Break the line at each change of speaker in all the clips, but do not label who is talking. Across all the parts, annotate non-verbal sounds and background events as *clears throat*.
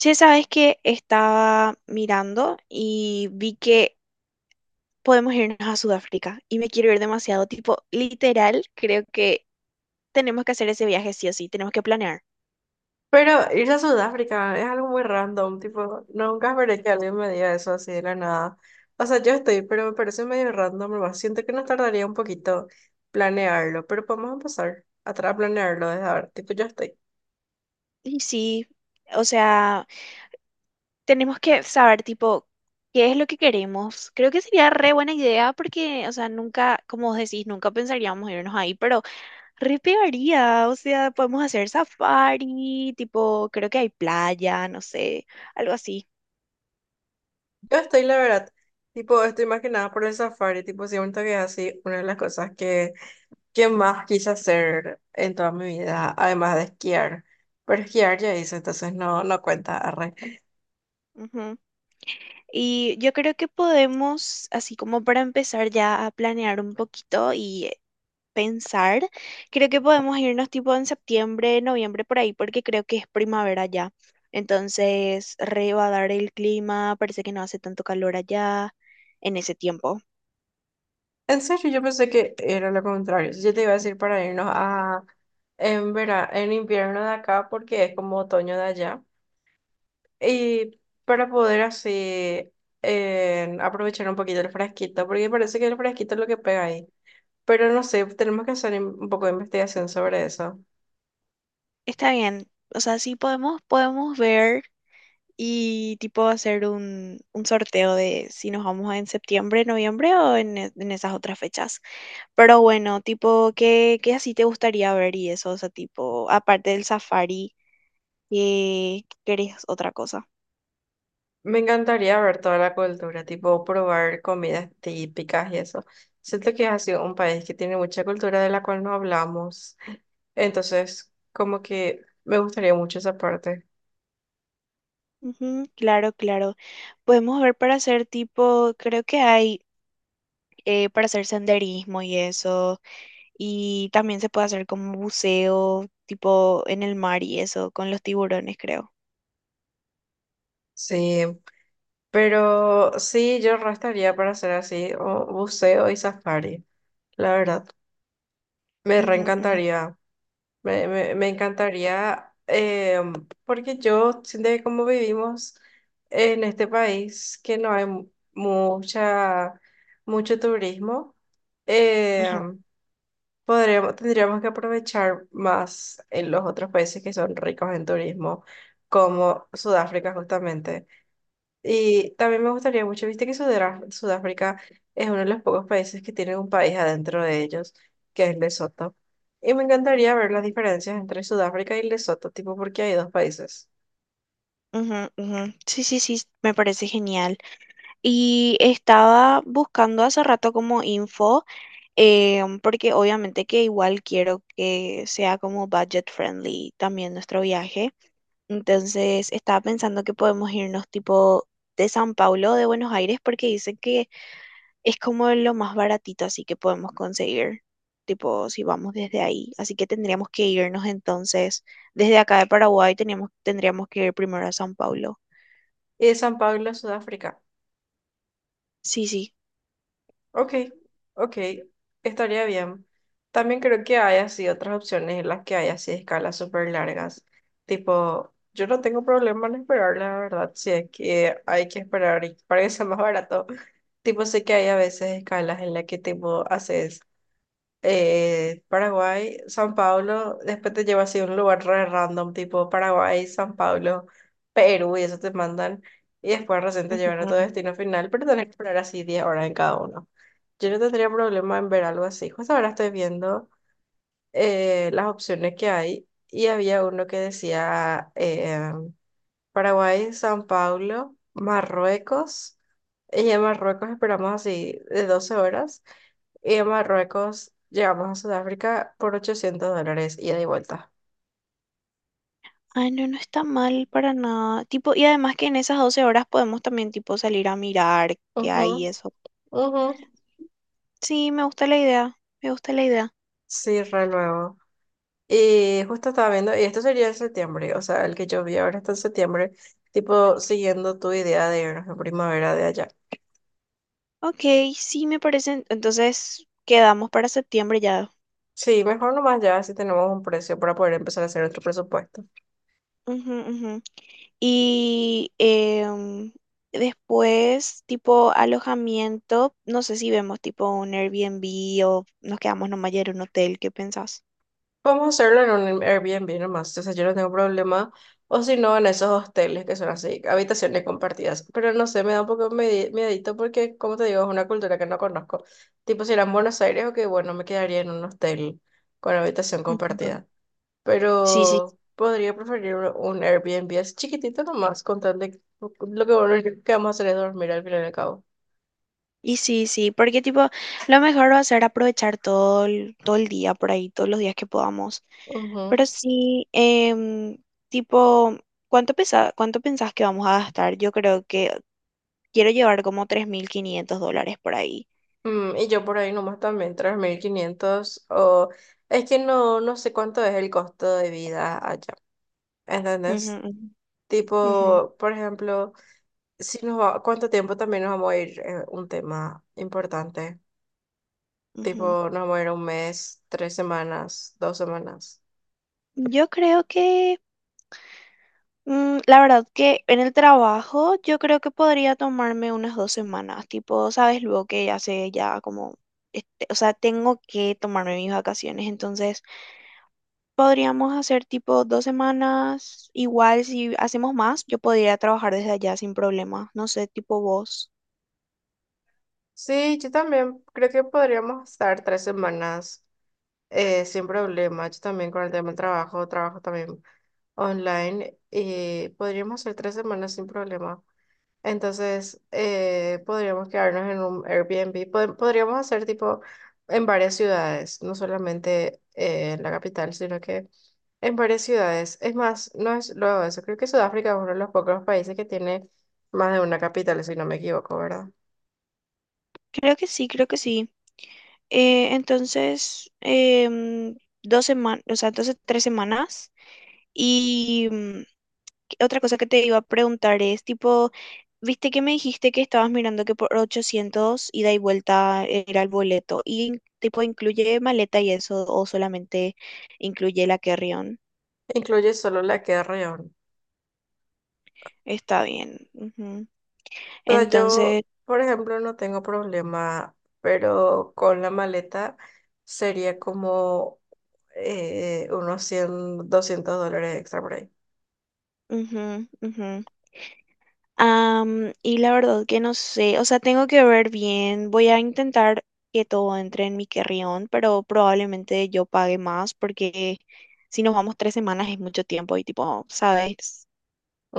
Che, sabes que estaba mirando y vi que podemos irnos a Sudáfrica y me quiero ir demasiado, tipo, literal, creo que tenemos que hacer ese viaje sí o sí, tenemos que planear.
Pero irse a Sudáfrica es algo muy random, tipo, nunca esperé que alguien me diga eso así de la nada. O sea, yo estoy, pero me parece medio random, nomás. Siento que nos tardaría un poquito planearlo, pero podemos empezar a planearlo desde ahora. Tipo, yo estoy.
Y sí, o sea, tenemos que saber, tipo, qué es lo que queremos. Creo que sería re buena idea porque, o sea, nunca, como vos decís, nunca pensaríamos irnos ahí, pero re pegaría, o sea, podemos hacer safari, tipo, creo que hay playa, no sé, algo así.
Yo estoy, la verdad. Tipo, estoy más que nada por el safari, tipo, siento que es así una de las cosas que más quise hacer en toda mi vida, además de esquiar. Pero esquiar ya hice, entonces no, no cuenta.
Ujú. Y yo creo que podemos, así como para empezar ya a planear un poquito y pensar, creo que podemos irnos tipo en septiembre, noviembre por ahí, porque creo que es primavera ya. Entonces, re va a dar el clima, parece que no hace tanto calor allá en ese tiempo.
En serio, yo pensé que era lo contrario. Yo te iba a decir para irnos a en invierno de acá porque es como otoño de allá. Y para poder así aprovechar un poquito el fresquito, porque parece que el fresquito es lo que pega ahí. Pero no sé, tenemos que hacer un poco de investigación sobre eso.
Está bien. O sea, sí podemos ver y tipo hacer un sorteo de si nos vamos en septiembre, noviembre o en esas otras fechas. Pero bueno, tipo, ¿qué así te gustaría ver y eso? O sea, tipo, aparte del safari, ¿qué querés otra cosa?
Me encantaría ver toda la cultura, tipo probar comidas típicas y eso. Siento que ha sido un país que tiene mucha cultura de la cual no hablamos. Entonces, como que me gustaría mucho esa parte.
Ujú, claro, claro. Podemos ver para hacer tipo, creo que hay para hacer senderismo y eso, y también se puede hacer como buceo, tipo en el mar y eso, con los tiburones, creo.
Sí, pero sí, yo restaría para hacer así o buceo y safari, la verdad. Me
Ujú, ujú,
reencantaría. Me encantaría, porque yo siento que como vivimos en este país, que no hay mucha, mucho turismo,
ujú,
em, podríamos, tendríamos que aprovechar más en los otros países que son ricos en turismo, como Sudáfrica justamente. Y también me gustaría mucho, viste que Sudáfrica es uno de los pocos países que tienen un país adentro de ellos, que es Lesoto. Y me encantaría ver las diferencias entre Sudáfrica y Lesoto, tipo porque hay dos países.
ujú, ujú. Sí, sí, sí, me parece genial. Y estaba buscando hace rato como info, porque obviamente que igual quiero que sea como budget friendly también nuestro viaje. Entonces estaba pensando que podemos irnos tipo de San Paulo o de Buenos Aires porque dicen que es como lo más baratito así que podemos conseguir, tipo si vamos desde ahí. Así que tendríamos que irnos entonces desde acá de Paraguay tendríamos que ir primero a San Paulo.
Y de San Pablo, Sudáfrica.
Sí, sí.
Ok, ok, estaría bien. También creo que hay así otras opciones en las que hay así escalas súper largas. Tipo, yo no tengo problema en esperar, la verdad, si es que hay que esperar y *laughs* para que sea más barato. Tipo, sé que hay a veces escalas en las que tipo haces Paraguay, San Pablo, después te lleva así a un lugar re random, tipo Paraguay, San Pablo, Perú, y eso te mandan, y después recién te llevan a tu
Ujú.
destino final, pero tenés que esperar así 10 horas en cada uno. Yo no tendría problema en ver algo así. Justo ahora estoy viendo las opciones que hay, y había uno que decía Paraguay, San Pablo, Marruecos, y en Marruecos esperamos así de 12 horas. Y de Marruecos llegamos a Sudáfrica por $800, ida y de vuelta.
Ay, no, no está mal para nada. Tipo, y además que en esas 12 horas podemos también tipo salir a mirar qué
Ujú,
hay y eso.
ujú.
Sí, me gusta la idea. Me gusta la idea.
Sí, re luego. Y justo estaba viendo, y esto sería en septiembre, o sea, el que yo vi ahora está en septiembre, tipo siguiendo tu idea de irnos en primavera de allá.
Ok, sí, me parece. Entonces quedamos para septiembre ya.
Sí, mejor nomás ya si tenemos un precio para poder empezar a hacer nuestro presupuesto.
Ujú, ujú. Y después, tipo alojamiento, no sé si vemos tipo un Airbnb o nos quedamos nomás ya en un hotel. ¿Qué pensás?
Vamos a hacerlo en un Airbnb nomás, o sea, yo no tengo problema, o si no, en esos hosteles que son así, habitaciones compartidas, pero no sé, me da un poco miedito porque, como te digo, es una cultura que no conozco, tipo si era en Buenos Aires, ok, bueno, me quedaría en un hostel con habitación
Ujú.
compartida,
Sí, sí.
pero podría preferir un Airbnb así chiquitito nomás, con tal de lo que bueno, lo que vamos a hacer es dormir al final y al cabo.
Y sí, sí, porque tipo, lo mejor va a ser aprovechar todo el día por ahí, todos los días que podamos.
Ujú.
Pero sí, tipo, cuánto pensás que vamos a gastar? Yo creo que quiero llevar como 3.500 dólares por ahí.
Y yo por ahí nomás también, 3.500 o... Es que no sé cuánto es el costo de vida allá, ¿entendés?
Ujú, ujú,
Tipo, por ejemplo, si nos va, ¿cuánto tiempo también nos vamos a ir? Un tema importante.
ujú, ujú.
Tipo, nos vamos a ir un mes, 3 semanas, 2 semanas.
Yo creo que, la verdad que en el trabajo, yo creo que podría tomarme unas 2 semanas, tipo, sabes, luego que ya sé ya como, este, o sea, tengo que tomarme mis vacaciones, entonces... Podríamos hacer tipo 2 semanas, igual si hacemos más, yo podría trabajar desde allá sin problema, no sé, tipo vos.
Sí, yo también creo que podríamos estar 3 semanas sin problema. Yo también con el tema del trabajo, trabajo también online y podríamos hacer 3 semanas sin problema. Entonces, podríamos quedarnos en un Airbnb. Podríamos hacer tipo en varias ciudades, no solamente en la capital, sino que en varias ciudades. Es más, no es luego eso. Creo que Sudáfrica es uno de los pocos países que tiene más de una capital, si no me equivoco, ¿verdad?
Creo que sí, creo que sí. Entonces, 2 semanas, o sea, entonces 3 semanas. Y otra cosa que te iba a preguntar es, tipo, viste que me dijiste que estabas mirando que por 800 ida y vuelta era el boleto. ¿Y tipo incluye maleta y eso o solamente incluye la carry-on?
Incluye solo la que es Reón.
Está bien.
O sea,
Entonces,
yo, por ejemplo, no tengo problema, pero con la maleta sería como unos 100, $200 extra por ahí.
ujú, ujú. Y la verdad que no sé, o sea, tengo que ver bien, voy a intentar que todo entre en mi carrión, pero probablemente yo pague más porque si nos vamos 3 semanas es mucho tiempo y tipo, sabes,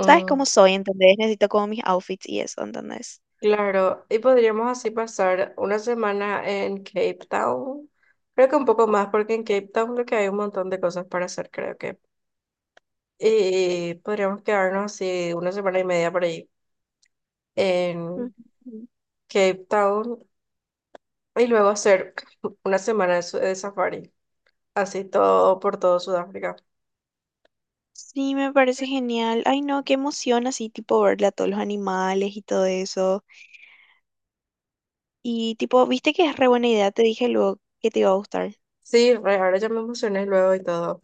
sabes cómo soy, ¿entendés? Necesito como mis outfits y eso, ¿entendés?
Claro, y podríamos así pasar una semana en Cape Town. Creo que un poco más, porque en Cape Town lo que hay un montón de cosas para hacer, creo que. Y podríamos quedarnos así una semana y media por ahí en
Ujú.
Cape Town y luego hacer *laughs* *clears throat* una semana de, de safari, así todo por todo Sudáfrica.
Sí, me parece genial. Ay, no, qué emoción así, tipo, verle a todos los animales y todo eso. Y tipo, viste que es re buena idea, te dije luego que te iba a gustar.
Sí, re, ahora ya me emocioné luego y todo.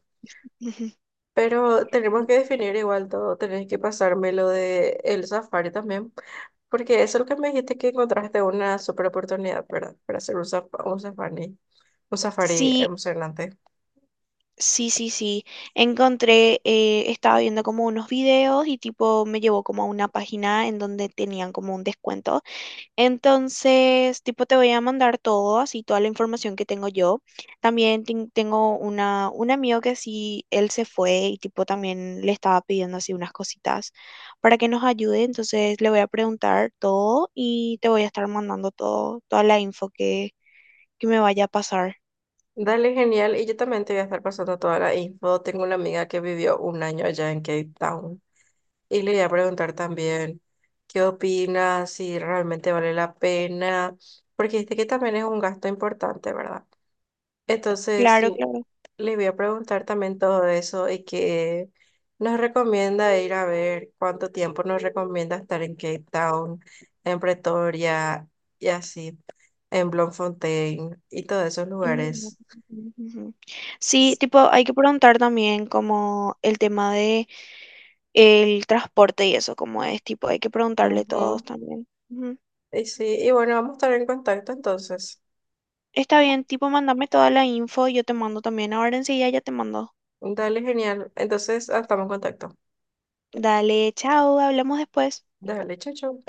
*laughs*
Pero tenemos que definir igual todo, tenés que pasarme lo de el safari también. Porque eso es lo que me dijiste que encontraste una super oportunidad, ¿verdad? Para hacer un safari
Sí,
emocionante.
sí, sí, sí. Encontré, estaba viendo como unos videos y tipo me llevó como a una página en donde tenían como un descuento. Entonces, tipo te voy a mandar todo, así toda la información que tengo yo. También tengo una, un amigo que sí, él se fue y tipo también le estaba pidiendo así unas cositas para que nos ayude. Entonces le voy a preguntar todo y te voy a estar mandando todo, toda la info que me vaya a pasar.
Dale, genial. Y yo también te voy a estar pasando toda la info. Tengo una amiga que vivió un año allá en Cape Town. Y le voy a preguntar también qué opinas, si realmente vale la pena. Porque dijiste que también es un gasto importante, ¿verdad? Entonces.
Claro, claro.
Le voy a preguntar también todo eso y qué nos recomienda ir a ver, cuánto tiempo nos recomienda estar en Cape Town, en Pretoria y así, en Bloemfontein y todos esos
Ujú,
lugares.
ujú. Sí, tipo, hay que preguntar también como el tema de el transporte y eso, como es, tipo, hay que preguntarle todos
Ujú.
también. Ujú.
Y sí, y bueno, vamos a estar en contacto entonces.
Está bien, tipo, mándame toda la info, yo te mando también ahora enseguida, ya te mando.
Dale, genial. Entonces, ah, estamos en contacto.
Dale, chao, hablamos después.
Dale, chao, chao.